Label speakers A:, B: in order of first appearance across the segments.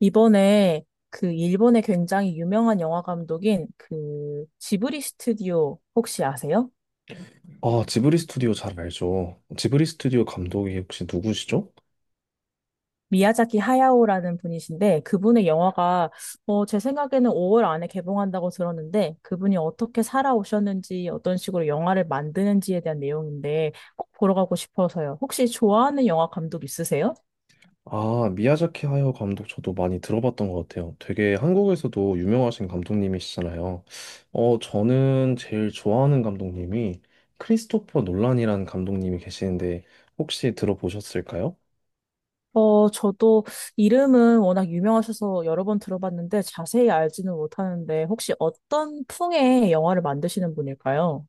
A: 이번에 그 일본의 굉장히 유명한 영화 감독인 그 지브리 스튜디오 혹시 아세요?
B: 아, 지브리 스튜디오 잘 알죠. 지브리 스튜디오 감독이 혹시 누구시죠?
A: 미야자키 하야오라는 분이신데 그분의 영화가 제 생각에는 5월 안에 개봉한다고 들었는데 그분이 어떻게 살아오셨는지 어떤 식으로 영화를 만드는지에 대한 내용인데 꼭 보러 가고 싶어서요. 혹시 좋아하는 영화 감독 있으세요?
B: 아, 미야자키 하야 감독 저도 많이 들어봤던 것 같아요. 되게 한국에서도 유명하신 감독님이시잖아요. 저는 제일 좋아하는 감독님이 크리스토퍼 놀란이라는 감독님이 계시는데 혹시 들어보셨을까요?
A: 어, 저도 이름은 워낙 유명하셔서 여러 번 들어봤는데 자세히 알지는 못하는데 혹시 어떤 풍의 영화를 만드시는 분일까요?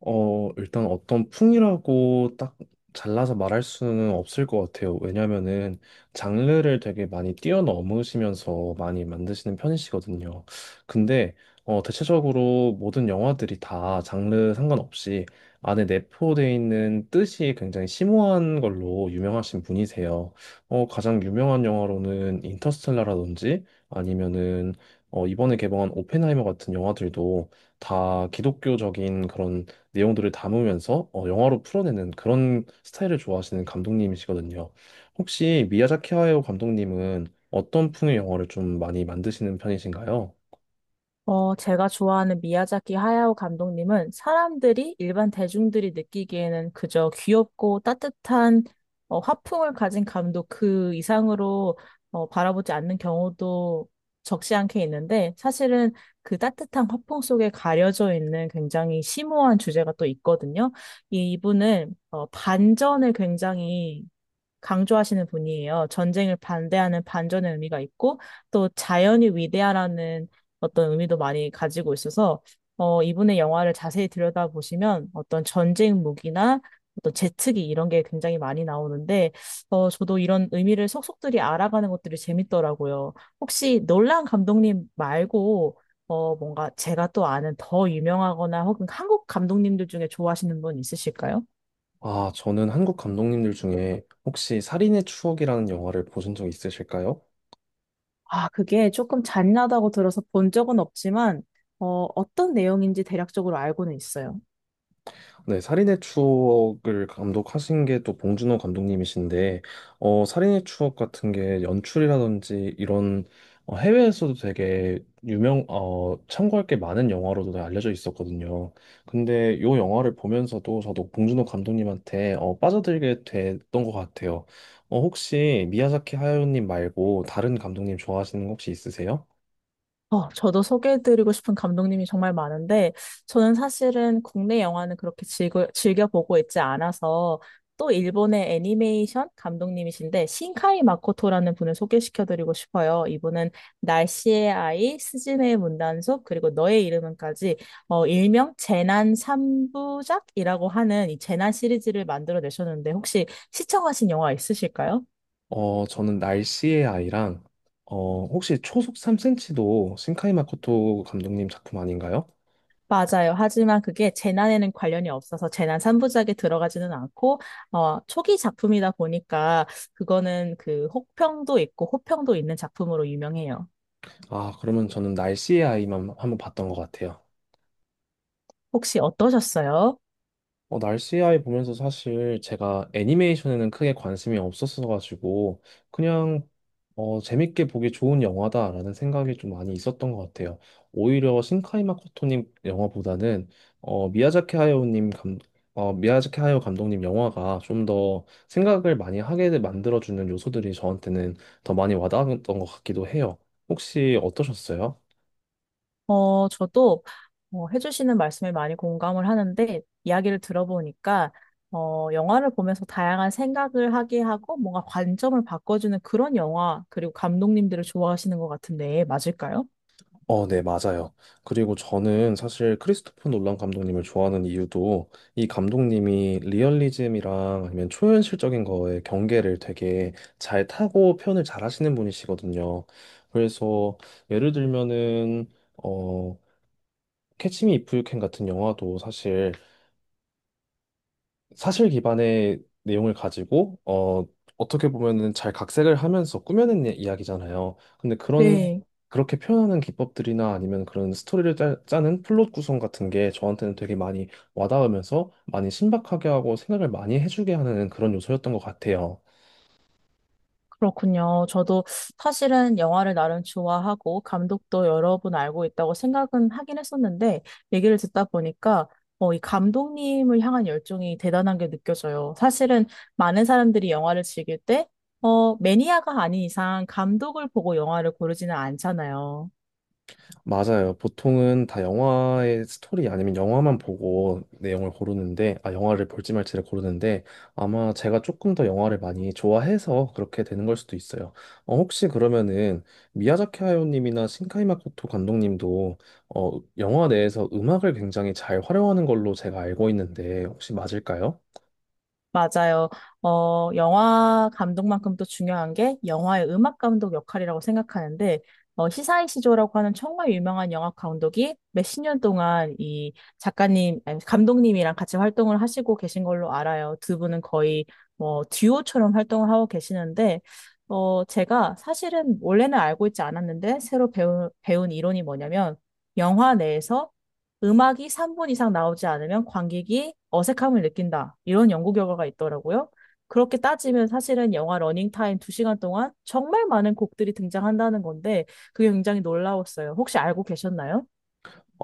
B: 일단 어떤 풍이라고 딱 잘라서 말할 수는 없을 것 같아요. 왜냐면은 장르를 되게 많이 뛰어넘으시면서 많이 만드시는 편이시거든요. 근데 대체적으로 모든 영화들이 다 장르 상관없이 안에 내포되어 있는 뜻이 굉장히 심오한 걸로 유명하신 분이세요. 가장 유명한 영화로는 인터스텔라라든지 아니면은 이번에 개봉한 오펜하이머 같은 영화들도 다 기독교적인 그런 내용들을 담으면서 영화로 풀어내는 그런 스타일을 좋아하시는 감독님이시거든요. 혹시 미야자키 하야오 감독님은 어떤 풍의 영화를 좀 많이 만드시는 편이신가요?
A: 제가 좋아하는 미야자키 하야오 감독님은 사람들이 일반 대중들이 느끼기에는 그저 귀엽고 따뜻한 화풍을 가진 감독 그 이상으로 바라보지 않는 경우도 적지 않게 있는데 사실은 그 따뜻한 화풍 속에 가려져 있는 굉장히 심오한 주제가 또 있거든요. 이분은 반전을 굉장히 강조하시는 분이에요. 전쟁을 반대하는 반전의 의미가 있고 또 자연이 위대하라는 어떤 의미도 많이 가지고 있어서 이분의 영화를 자세히 들여다보시면 어떤 전쟁 무기나 어떤 제트기 이런 게 굉장히 많이 나오는데 저도 이런 의미를 속속들이 알아가는 것들이 재밌더라고요. 혹시 놀란 감독님 말고 뭔가 제가 또 아는 더 유명하거나 혹은 한국 감독님들 중에 좋아하시는 분 있으실까요?
B: 아, 저는 한국 감독님들 중에 혹시 살인의 추억이라는 영화를 보신 적 있으실까요?
A: 아, 그게 조금 잔인하다고 들어서 본 적은 없지만, 어떤 내용인지 대략적으로 알고는 있어요.
B: 네, 살인의 추억을 감독하신 게 또 봉준호 감독님이신데, 살인의 추억 같은 게 연출이라든지 이런 해외에서도 되게 참고할 게 많은 영화로도 알려져 있었거든요. 근데 요 영화를 보면서도 저도 봉준호 감독님한테 빠져들게 됐던 것 같아요. 혹시 미야자키 하야오님 말고 다른 감독님 좋아하시는 거 혹시 있으세요?
A: 저도 소개해드리고 싶은 감독님이 정말 많은데, 저는 사실은 국내 영화는 그렇게 즐겨보고 있지 않아서, 또 일본의 애니메이션 감독님이신데, 신카이 마코토라는 분을 소개시켜드리고 싶어요. 이분은 날씨의 아이, 스즈메의 문단속, 그리고 너의 이름은까지, 일명 재난 삼부작이라고 하는 이 재난 시리즈를 만들어내셨는데, 혹시 시청하신 영화 있으실까요?
B: 저는 날씨의 아이랑, 혹시 초속 3cm도 신카이 마코토 감독님 작품 아닌가요?
A: 맞아요. 하지만 그게 재난에는 관련이 없어서 재난 3부작에 들어가지는 않고, 초기 작품이다 보니까 그거는 그 혹평도 있고 호평도 있는 작품으로 유명해요.
B: 아, 그러면 저는 날씨의 아이만 한번 봤던 것 같아요.
A: 혹시 어떠셨어요?
B: 날씨 아이 보면서 사실 제가 애니메이션에는 크게 관심이 없었어가지고 그냥 재밌게 보기 좋은 영화다라는 생각이 좀 많이 있었던 것 같아요. 오히려 신카이 마코토님 영화보다는 어, 미야자키 하야오님 감 미야자키 하야오 감독님 영화가 좀 더 생각을 많이 하게 만들어주는 요소들이 저한테는 더 많이 와닿았던 것 같기도 해요. 혹시 어떠셨어요?
A: 어, 저도 해주시는 말씀에 많이 공감을 하는데, 이야기를 들어보니까, 영화를 보면서 다양한 생각을 하게 하고 뭔가 관점을 바꿔주는 그런 영화, 그리고 감독님들을 좋아하시는 것 같은데, 맞을까요?
B: 네, 맞아요. 그리고 저는 사실 크리스토퍼 놀란 감독님을 좋아하는 이유도 이 감독님이 리얼리즘이랑 아니면 초현실적인 거에 경계를 되게 잘 타고 표현을 잘 하시는 분이시거든요. 그래서 예를 들면은 어 캐치 미 이프 유캔 같은 영화도 사실 기반의 내용을 가지고 어떻게 보면은 잘 각색을 하면서 꾸며낸 이야기잖아요. 근데 그런
A: 네.
B: 그렇게 표현하는 기법들이나 아니면 그런 스토리를 짜는 플롯 구성 같은 게 저한테는 되게 많이 와닿으면서 많이 신박하게 하고 생각을 많이 해주게 하는 그런 요소였던 것 같아요.
A: 그렇군요. 저도 사실은 영화를 나름 좋아하고 감독도 여러 분 알고 있다고 생각은 하긴 했었는데 얘기를 듣다 보니까 이 감독님을 향한 열정이 대단한 게 느껴져요. 사실은 많은 사람들이 영화를 즐길 때 매니아가 아닌 이상 감독을 보고 영화를 고르지는 않잖아요.
B: 맞아요. 보통은 다 영화의 스토리 아니면 영화만 보고 내용을 고르는데, 아, 영화를 볼지 말지를 고르는데, 아마 제가 조금 더 영화를 많이 좋아해서 그렇게 되는 걸 수도 있어요. 혹시 그러면은 미야자키 하야오님이나 신카이 마코토 감독님도 어, 영화 내에서 음악을 굉장히 잘 활용하는 걸로 제가 알고 있는데, 혹시 맞을까요?
A: 맞아요. 영화 감독만큼 또 중요한 게 영화의 음악 감독 역할이라고 생각하는데, 시사이시조라고 하는 정말 유명한 영화 감독이 몇 십 년 동안 이 작가님, 아니, 감독님이랑 같이 활동을 하시고 계신 걸로 알아요. 두 분은 거의 뭐 듀오처럼 활동을 하고 계시는데, 제가 사실은 원래는 알고 있지 않았는데, 새로 배운 이론이 뭐냐면, 영화 내에서 음악이 3분 이상 나오지 않으면 관객이 어색함을 느낀다. 이런 연구 결과가 있더라고요. 그렇게 따지면 사실은 영화 러닝타임 2시간 동안 정말 많은 곡들이 등장한다는 건데 그게 굉장히 놀라웠어요. 혹시 알고 계셨나요?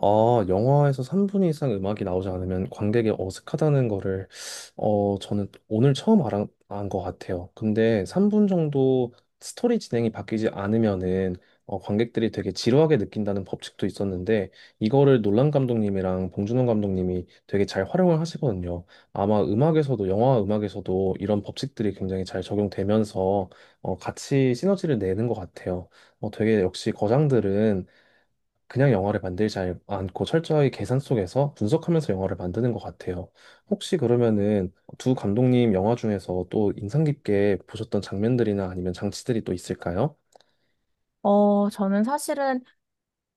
B: 아, 영화에서 3분 이상 음악이 나오지 않으면 관객이 어색하다는 거를, 저는 오늘 처음 안것 같아요. 근데 3분 정도 스토리 진행이 바뀌지 않으면은, 관객들이 되게 지루하게 느낀다는 법칙도 있었는데, 이거를 놀란 감독님이랑 봉준호 감독님이 되게 잘 활용을 하시거든요. 아마 음악에서도, 영화 음악에서도 이런 법칙들이 굉장히 잘 적용되면서, 같이 시너지를 내는 것 같아요. 되게 역시 거장들은 그냥 영화를 만들지 않고 철저히 계산 속에서 분석하면서 영화를 만드는 것 같아요. 혹시 그러면은 두 감독님 영화 중에서 또 인상 깊게 보셨던 장면들이나 아니면 장치들이 또 있을까요?
A: 저는 사실은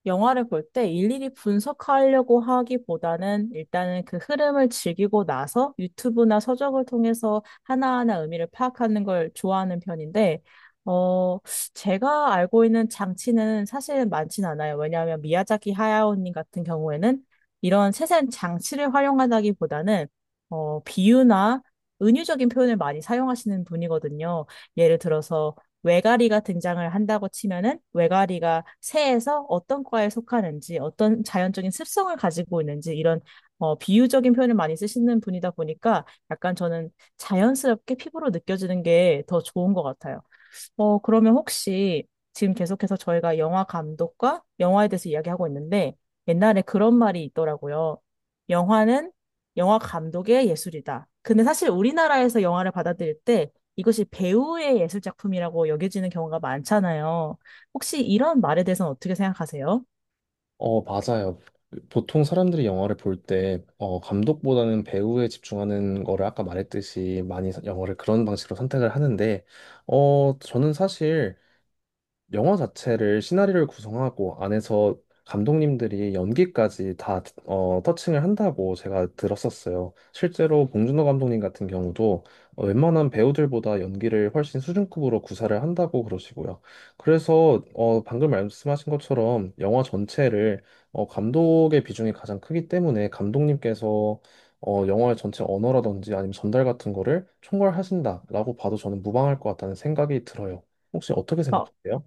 A: 영화를 볼 때 일일이 분석하려고 하기보다는 일단은 그 흐름을 즐기고 나서 유튜브나 서적을 통해서 하나하나 의미를 파악하는 걸 좋아하는 편인데, 어, 제가 알고 있는 장치는 사실 많진 않아요. 왜냐하면 미야자키 하야오님 같은 경우에는 이런 세세한 장치를 활용하다기보다는 비유나 은유적인 표현을 많이 사용하시는 분이거든요. 예를 들어서 외가리가 등장을 한다고 치면은 외가리가 새에서 어떤 과에 속하는지, 어떤 자연적인 습성을 가지고 있는지 이런 비유적인 표현을 많이 쓰시는 분이다 보니까 약간 저는 자연스럽게 피부로 느껴지는 게 더 좋은 것 같아요. 그러면 혹시 지금 계속해서 저희가 영화 감독과 영화에 대해서 이야기하고 있는데 옛날에 그런 말이 있더라고요. 영화는 영화 감독의 예술이다. 근데 사실 우리나라에서 영화를 받아들일 때 이것이 배우의 예술 작품이라고 여겨지는 경우가 많잖아요. 혹시 이런 말에 대해서는 어떻게 생각하세요?
B: 맞아요. 보통 사람들이 영화를 볼 때, 감독보다는 배우에 집중하는 거를 아까 말했듯이 영화를 그런 방식으로 선택을 하는데, 저는 사실 영화 자체를 시나리오를 구성하고 안에서 감독님들이 연기까지 다 터칭을 한다고 제가 들었었어요. 실제로 봉준호 감독님 같은 경우도 웬만한 배우들보다 연기를 훨씬 수준급으로 구사를 한다고 그러시고요. 그래서 방금 말씀하신 것처럼 영화 전체를 감독의 비중이 가장 크기 때문에 감독님께서 영화의 전체 언어라든지 아니면 전달 같은 거를 총괄하신다라고 봐도 저는 무방할 것 같다는 생각이 들어요. 혹시 어떻게
A: 어,
B: 생각하세요?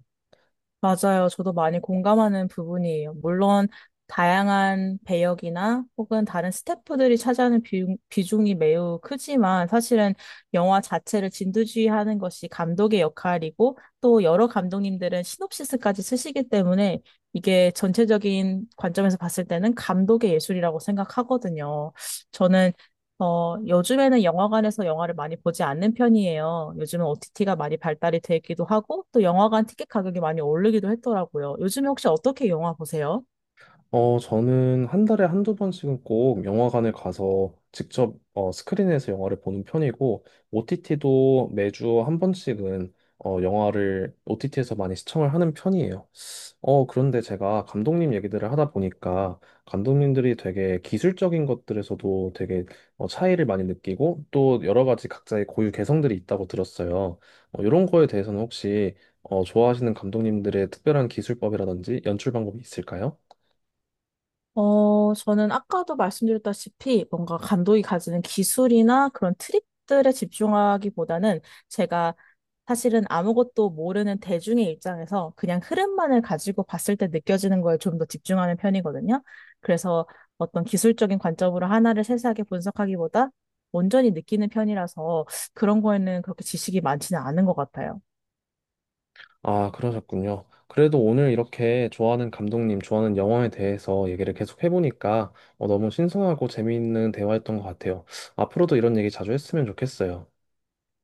A: 맞아요. 저도 많이 공감하는 부분이에요. 물론 다양한 배역이나 혹은 다른 스태프들이 차지하는 비중이 매우 크지만 사실은 영화 자체를 진두지휘하는 것이 감독의 역할이고 또 여러 감독님들은 시놉시스까지 쓰시기 때문에 이게 전체적인 관점에서 봤을 때는 감독의 예술이라고 생각하거든요. 저는 요즘에는 영화관에서 영화를 많이 보지 않는 편이에요. 요즘은 OTT가 많이 발달이 되기도 하고, 또 영화관 티켓 가격이 많이 오르기도 했더라고요. 요즘에 혹시 어떻게 영화 보세요?
B: 저는 한 달에 한두 번씩은 꼭 영화관을 가서 직접 스크린에서 영화를 보는 편이고, OTT도 매주 한 번씩은 영화를 OTT에서 많이 시청을 하는 편이에요. 그런데 제가 감독님 얘기들을 하다 보니까 감독님들이 되게 기술적인 것들에서도 되게 차이를 많이 느끼고 또 여러 가지 각자의 고유 개성들이 있다고 들었어요. 이런 거에 대해서는 혹시 좋아하시는 감독님들의 특별한 기술법이라든지 연출 방법이 있을까요?
A: 저는 아까도 말씀드렸다시피 뭔가 감독이 가지는 기술이나 그런 트릭들에 집중하기보다는 제가 사실은 아무것도 모르는 대중의 입장에서 그냥 흐름만을 가지고 봤을 때 느껴지는 거에 좀 더 집중하는 편이거든요. 그래서 어떤 기술적인 관점으로 하나를 세세하게 분석하기보다 온전히 느끼는 편이라서 그런 거에는 그렇게 지식이 많지는 않은 것 같아요.
B: 아, 그러셨군요. 그래도 오늘 이렇게 좋아하는 감독님, 좋아하는 영화에 대해서 얘기를 계속 해보니까 너무 신선하고 재미있는 대화였던 것 같아요. 앞으로도 이런 얘기 자주 했으면 좋겠어요.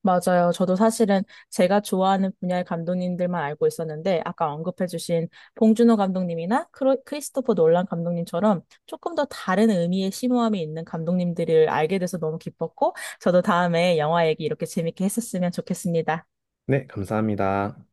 A: 맞아요. 저도 사실은 제가 좋아하는 분야의 감독님들만 알고 있었는데, 아까 언급해주신 봉준호 감독님이나 크리스토퍼 놀란 감독님처럼 조금 더 다른 의미의 심오함이 있는 감독님들을 알게 돼서 너무 기뻤고, 저도 다음에 영화 얘기 이렇게 재밌게 했었으면 좋겠습니다.
B: 네, 감사합니다.